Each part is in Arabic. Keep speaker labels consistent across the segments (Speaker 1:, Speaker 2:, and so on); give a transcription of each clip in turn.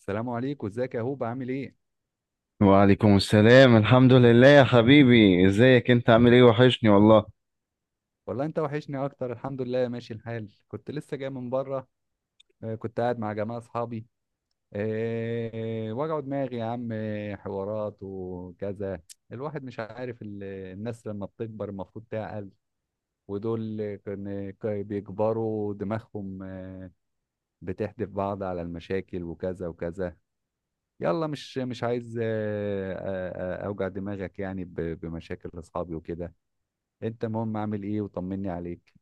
Speaker 1: السلام عليكم، ازيك يا هوب؟ عامل ايه؟
Speaker 2: وعليكم السلام، الحمد لله يا حبيبي، ازيك انت؟ عامل ايه؟ وحشني والله.
Speaker 1: والله انت وحشني اكتر. الحمد لله ماشي الحال. كنت لسه جاي من بره. كنت قاعد مع جماعه اصحابي. وجعوا دماغي يا عم، حوارات وكذا. الواحد مش عارف الناس لما بتكبر المفروض تعقل، ودول كان بيكبروا دماغهم، بتحدف بعض على المشاكل وكذا وكذا. يلا مش عايز اوجع دماغك يعني بمشاكل اصحابي وكده. انت المهم عامل ايه؟ وطمني عليك.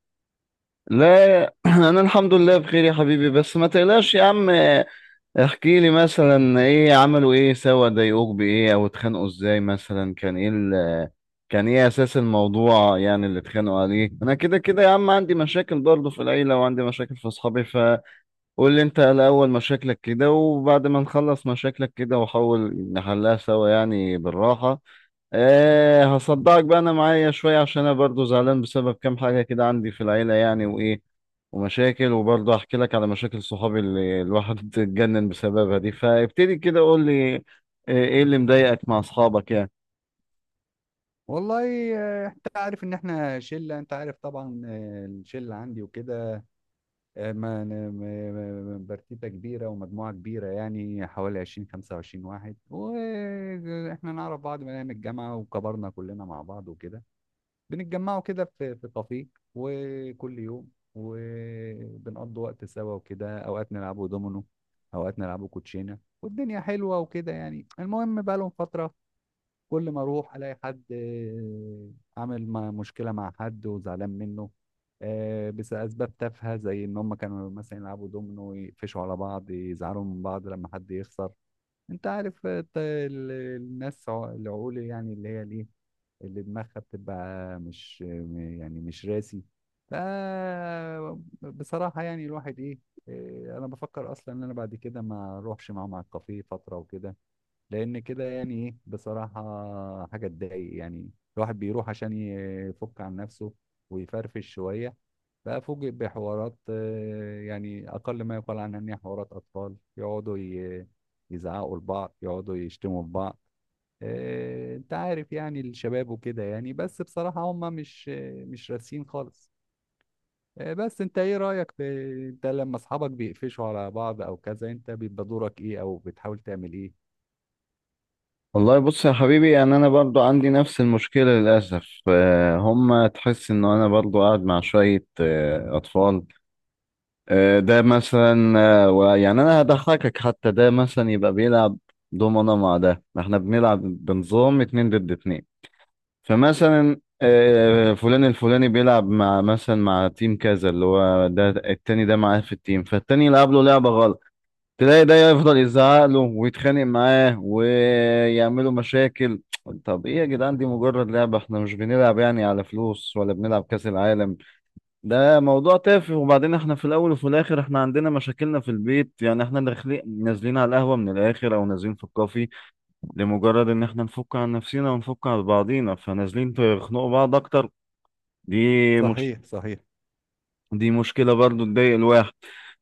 Speaker 2: لا، انا الحمد لله بخير يا حبيبي، بس ما تقلقش يا عم. احكي لي مثلا، ايه عملوا؟ ايه سوا؟ ضايقوك بايه؟ او اتخانقوا ازاي؟ مثلا كان ايه كان ايه اساس الموضوع يعني، اللي اتخانقوا عليه؟ انا كده كده يا عم عندي مشاكل برضه في العيلة، وعندي مشاكل في اصحابي، فقول لي انت الاول مشاكلك كده، وبعد ما نخلص مشاكلك كده وحاول نحلها سوا يعني بالراحة. ايه هصدقك بقى، انا معايا شوية عشان انا برضو زعلان بسبب كام حاجة كده عندي في العيلة يعني، وايه ومشاكل. وبرضه احكي لك على مشاكل صحابي اللي الواحد اتجنن بسببها دي، فابتدي كده قول لي إيه اللي مضايقك مع اصحابك يعني.
Speaker 1: والله انت عارف ان احنا شله، انت عارف طبعا، الشله عندي وكده. آه، ما أنا- ما- ما- ما- برتيته كبيره ومجموعه كبيره، يعني حوالي 20 25 واحد، واحنا نعرف بعض من ايام الجامعه وكبرنا كلنا مع بعض وكده. بنتجمعوا كده في كافيه وكل يوم، وبنقضي وقت سوا وكده. اوقات نلعبوا دومينو، اوقات نلعبوا كوتشينه، والدنيا حلوه وكده يعني. المهم بقى لهم فتره كل ما اروح الاقي حد، عامل مشكله مع حد وزعلان منه. بس اسباب تافهه، زي ان هم كانوا مثلا يلعبوا دومينو يقفشوا على بعض، يزعلوا من بعض لما حد يخسر. انت عارف، الناس العقول يعني اللي هي ليه اللي دماغها بتبقى مش يعني مش راسي. ف بصراحه يعني الواحد ايه، انا بفكر اصلا ان انا بعد كده ما اروحش معاهم على الكافيه فتره وكده، لان كده يعني ايه بصراحه حاجه تضايق يعني. الواحد بيروح عشان يفك عن نفسه ويفرفش شويه، بقى فوجئ بحوارات، يعني اقل ما يقال عنها ان هي حوارات اطفال يقعدوا يزعقوا لبعض، يقعدوا يشتموا في بعض. انت عارف يعني الشباب وكده يعني، بس بصراحه هم مش مش راسين خالص. بس انت ايه رايك في، انت لما اصحابك بيقفشوا على بعض او كذا انت بيبقى دورك ايه، او بتحاول تعمل ايه؟
Speaker 2: والله بص يا حبيبي، يعني انا برضو عندي نفس المشكلة للاسف. هم تحس ان انا برضو قاعد مع شوية اطفال. ده مثلا يعني انا هضحكك، حتى ده مثلا يبقى بيلعب دومنا مع ده، احنا بنلعب بنظام اتنين ضد اتنين. فمثلا فلان الفلاني بيلعب مع مثلا مع تيم كذا، اللي هو ده التاني ده معاه في التيم، فالتاني يلعب له لعبة غلط، تلاقي ده يفضل يزعق له ويتخانق معاه ويعملوا مشاكل. طب ايه يا جدعان، دي مجرد لعبة، احنا مش بنلعب يعني على فلوس ولا بنلعب كأس العالم. ده موضوع تافه، وبعدين احنا في الاول وفي الاخر احنا عندنا مشاكلنا في البيت، يعني احنا داخلين نازلين على القهوه من الاخر او نازلين في الكافي لمجرد ان احنا نفك عن نفسنا ونفك عن بعضينا، فنازلين تخنقوا بعض اكتر. دي مش
Speaker 1: صحيح، صحيح.
Speaker 2: دي مشكله برضو تضايق الواحد.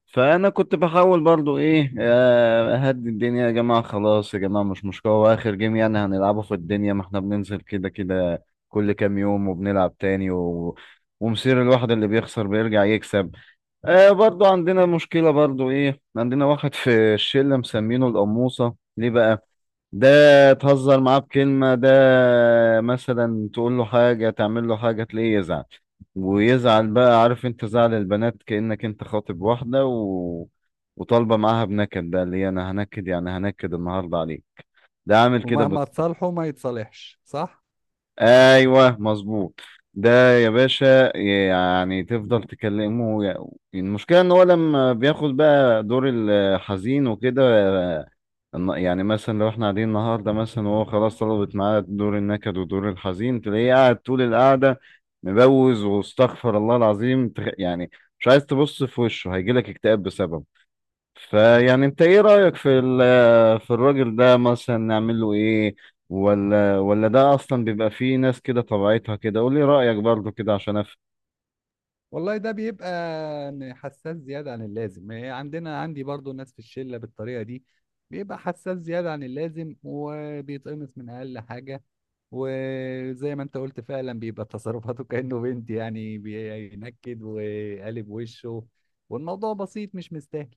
Speaker 2: فانا كنت بحاول برضو ايه، اهدي الدنيا، يا جماعه خلاص يا جماعه مش مشكله، واخر جيم يعني هنلعبه في الدنيا، ما احنا بننزل كده كده كل كام يوم وبنلعب تاني ومصير الواحد اللي بيخسر بيرجع يكسب. برضو عندنا مشكلة، برضو ايه، عندنا واحد في الشلة مسمينه القموصة. ليه بقى؟ ده تهزر معاه بكلمة، ده مثلا تقول له حاجة، تعمل له حاجة، تلاقيه يزعل، ويزعل بقى، عارف انت زعل البنات، كأنك انت خاطب واحدة وطالبة معاها بنكد، بقى اللي هي انا هنكد يعني، هنكد النهاردة عليك. ده عامل كده
Speaker 1: ومهما
Speaker 2: بس.
Speaker 1: تصالحه ما يتصالحش، صح؟
Speaker 2: ايوه مظبوط. ده يا باشا يعني تفضل تكلمه. المشكله ان هو لما بياخد بقى دور الحزين وكده، يعني مثلا لو احنا قاعدين النهارده مثلا، وهو خلاص طلبت معاه دور النكد ودور الحزين، تلاقيه قاعد طول القعده مبوز، واستغفر الله العظيم يعني، مش عايز تبص في وشه، هيجيلك اكتئاب بسببه. فيعني انت ايه رأيك في في الراجل ده، مثلا نعمل له ايه؟ ولا ده اصلا بيبقى فيه ناس كده طبيعتها كده؟ قول لي رأيك برضو كده عشان افهم.
Speaker 1: والله ده بيبقى إن حساس زيادة عن اللازم. إيه، عندنا عندي برضو ناس في الشلة بالطريقة دي، بيبقى حساس زيادة عن اللازم وبيتقمص من أقل حاجة. وزي ما انت قلت فعلا بيبقى تصرفاته كأنه بنت يعني، بينكد وقالب وشه والموضوع بسيط مش مستاهل.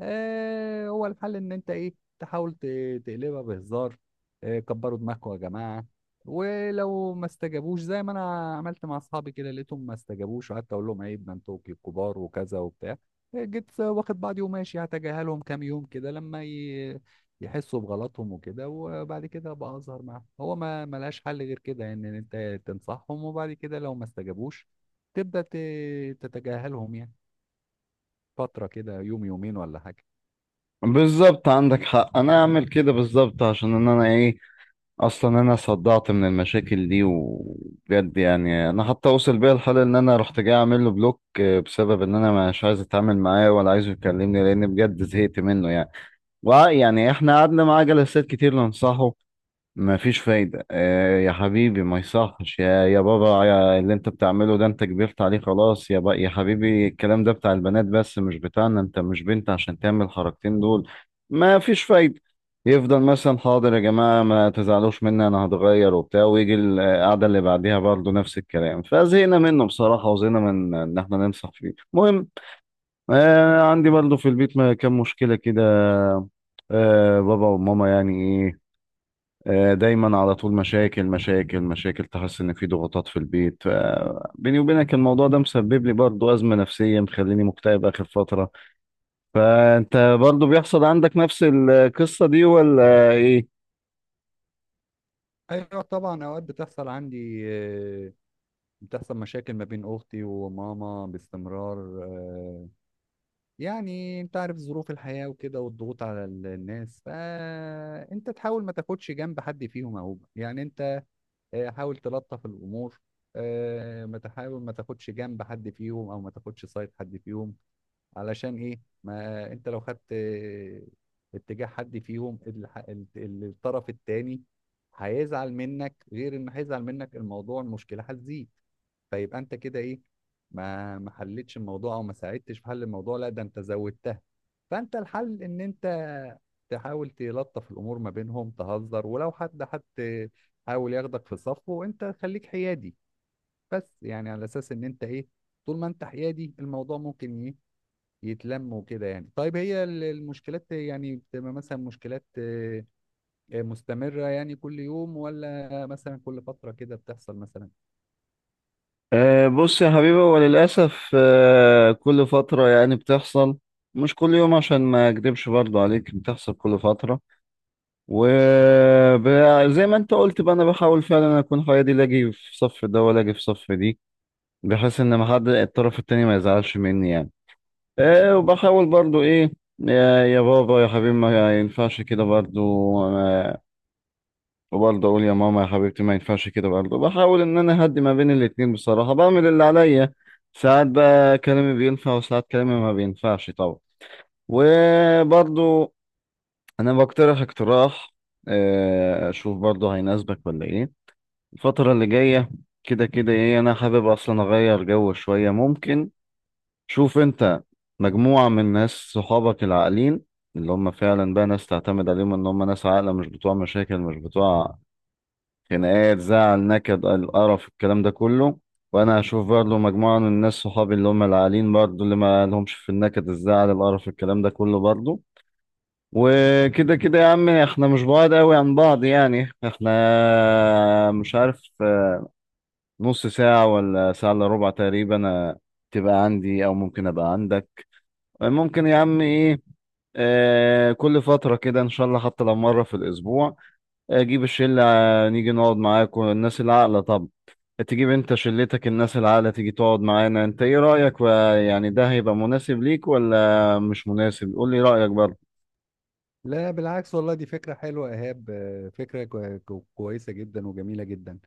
Speaker 1: آه، هو الحل ان انت ايه، تحاول تقلبها بهزار. آه، كبروا دماغكم يا جماعة. ولو ما استجابوش، زي ما انا عملت مع اصحابي كده، لقيتهم ما استجابوش وقعدت اقول لهم عيب، ده انتوا كبار وكذا وبتاع، جيت واخد بعضي وماشي هتجاهلهم كام يوم كده لما ي... يحسوا بغلطهم وكده، وبعد كده ابقى اظهر معاهم. هو ما ملهاش حل غير كده يعني، ان انت تنصحهم وبعد كده لو ما استجابوش تبدا ت... تتجاهلهم يعني، فتره كده يوم يومين ولا حاجه.
Speaker 2: بالظبط عندك حق، انا اعمل كده بالظبط، عشان ان انا ايه، اصلا انا صدعت من المشاكل دي وبجد، يعني انا حتى وصل بيا الحال ان انا رحت جاي اعمل له بلوك، بسبب ان انا مش عايز اتعامل معاه ولا عايزه يكلمني، لان بجد زهقت منه يعني. يعني احنا قعدنا معاه جلسات كتير ننصحه، ما فيش فايدة. يا حبيبي ما يصحش يا بابا، يا اللي انت بتعمله ده انت كبرت عليه، خلاص يا بقى يا حبيبي، الكلام ده بتاع البنات بس مش بتاعنا، انت مش بنت عشان تعمل الحركتين دول. ما فيش فايدة. يفضل مثلا حاضر يا جماعة ما تزعلوش مني انا هتغير وبتاع، ويجي القعدة اللي بعديها برضه نفس الكلام، فزهقنا منه بصراحة، وزهقنا من ان احنا ننصح فيه. المهم، عندي برضه في البيت كام مشكلة كده. بابا وماما يعني إيه، دايما على طول مشاكل مشاكل مشاكل، تحس ان في ضغوطات في البيت. بيني وبينك الموضوع ده مسبب لي برضو ازمه نفسيه، مخليني مكتئب اخر فتره. فانت برضو بيحصل عندك نفس القصه دي، ولا ايه؟
Speaker 1: ايوه طبعا اوقات بتحصل عندي، بتحصل مشاكل ما بين اختي وماما باستمرار. آه، يعني انت عارف ظروف الحياة وكده والضغوط على الناس، فانت تحاول ما تاخدش جنب حد فيهم اهو يعني. انت حاول تلطف الامور، ما تحاول ما تاخدش جنب حد فيهم او ما تاخدش سايد حد فيهم. علشان ايه؟ ما انت لو خدت اتجاه حد فيهم، الطرف التاني هيزعل منك. غير انه هيزعل منك، الموضوع المشكلة هتزيد. فيبقى انت كده ايه، ما حلتش الموضوع او ما ساعدتش في حل الموضوع، لا ده انت زودتها. فانت الحل ان انت تحاول تلطف الامور ما بينهم، تهزر، ولو حد حاول ياخدك في صفه، وانت خليك حيادي. بس يعني على اساس ان انت ايه، طول ما انت حيادي الموضوع ممكن ايه، يتلم وكده يعني. طيب هي المشكلات يعني بتبقى مثلا مشكلات، مستمرة يعني كل يوم، ولا مثلا كل فترة كده بتحصل مثلا؟
Speaker 2: بص يا حبيبي، هو للاسف كل فتره يعني بتحصل، مش كل يوم عشان ما اكدبش برضو عليك، بتحصل كل فتره. وزي ما انت قلت بقى، انا بحاول فعلا اكون حيادي، لا اجي في صف ده ولا اجي في صف دي، بحيث ان ما حد الطرف التاني ما يزعلش مني يعني. إيه، وبحاول برضو ايه، يا بابا يا حبيبي ما ينفعش كده برضو، آه، وبرضو اقول يا ماما يا حبيبتي ما ينفعش كده برضو، بحاول ان انا اهدي ما بين الاتنين، بصراحة بعمل اللي عليا. ساعات بقى كلامي بينفع وساعات كلامي ما بينفعش طبعا. وبرضو انا بقترح اقتراح، اشوف برضو هيناسبك ولا ايه. الفترة اللي جاية كده كده ايه، انا حابب اصلا اغير جو شوية. ممكن شوف انت مجموعة من ناس صحابك العاقلين، اللي هم فعلا بقى ناس تعتمد عليهم، ان هم ناس عاقلة مش بتوع مشاكل، مش بتوع خناقات، زعل، نكد، القرف، الكلام ده كله. وانا هشوف برضه مجموعة من الناس صحابي اللي هم العاقلين برضه، اللي ما لهمش في النكد الزعل القرف الكلام ده كله برضه. وكده كده يا عم احنا مش بعاد قوي عن بعض يعني، احنا مش عارف، نص ساعة ولا ساعة الا ربع تقريبا، تبقى عندي او ممكن ابقى عندك. ممكن يا عم ايه، كل فترة كده ان شاء الله، حتى لو مرة في الاسبوع اجيب الشلة، نيجي نقعد معاكم الناس العاقلة، طب تجيب انت شلتك الناس العاقلة تيجي تقعد معانا، انت ايه رأيك يعني ده هيبقى مناسب ليك ولا مش مناسب؟ قول لي رأيك برضه.
Speaker 1: لا بالعكس، والله دي فكرة حلوة يا إيهاب. فكرة كويسة جدا وجميلة جدا.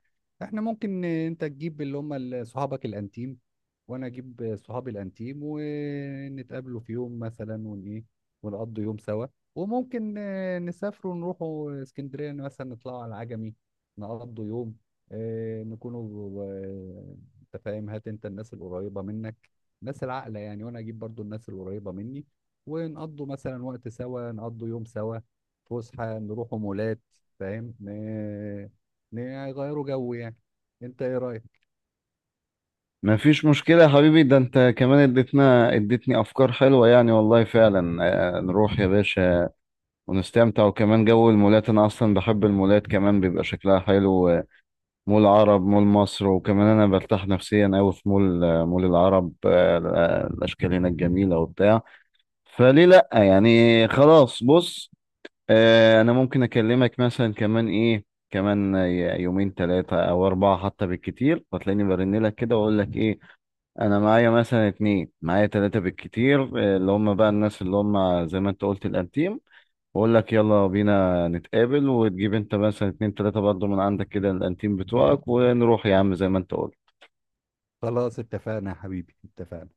Speaker 1: احنا ممكن، انت تجيب اللي هم صحابك الانتيم، وانا اجيب صحابي الانتيم، ونتقابلوا في يوم مثلا ون ايه، ونقضوا يوم سوا. وممكن نسافروا نروحوا اسكندرية مثلا، نطلعوا على العجمي، نقضوا يوم. آه، نكونوا آه، انت فاهم، هات انت الناس القريبة منك، ناس العاقلة يعني، وانا اجيب برضو الناس القريبة مني، ونقضوا مثلا وقت سوا، نقضوا يوم سوا، فسحة، نروحوا مولات، فاهم؟ نغيروا جو يعني. انت ايه رأيك؟
Speaker 2: مفيش مشكلة يا حبيبي، ده انت كمان اديتني افكار حلوة يعني والله فعلا. نروح يا باشا ونستمتع، وكمان جو المولات انا اصلا بحب المولات، كمان بيبقى شكلها حلو، مول عرب، مول مصر، وكمان انا برتاح نفسيا قوي في مول، مول العرب، الاشكال هناك جميله وبتاع، فليه لا يعني. خلاص بص، انا ممكن اكلمك مثلا كمان ايه، كمان يومين 3 أو 4 حتى بالكتير، فتلاقيني برن لك كده واقول لك ايه، انا معايا مثلا اتنين، معايا ثلاثه بالكتير، اللي هم بقى الناس اللي هم زي ما انت قلت الانتيم، بقول لك يلا بينا نتقابل، وتجيب انت مثلا 2 أو 3 برضه من عندك كده الانتيم بتوعك، ونروح يا عم زي ما انت قلت.
Speaker 1: خلاص اتفقنا يا حبيبي، اتفقنا.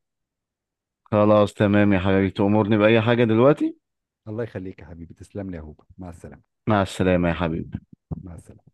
Speaker 2: خلاص تمام يا حبيبي، تأمرني بأي حاجة دلوقتي.
Speaker 1: الله يخليك يا حبيبي، تسلم لي يا هوبا، مع السلامة.
Speaker 2: مع السلامة يا حبيبي.
Speaker 1: مع السلامة.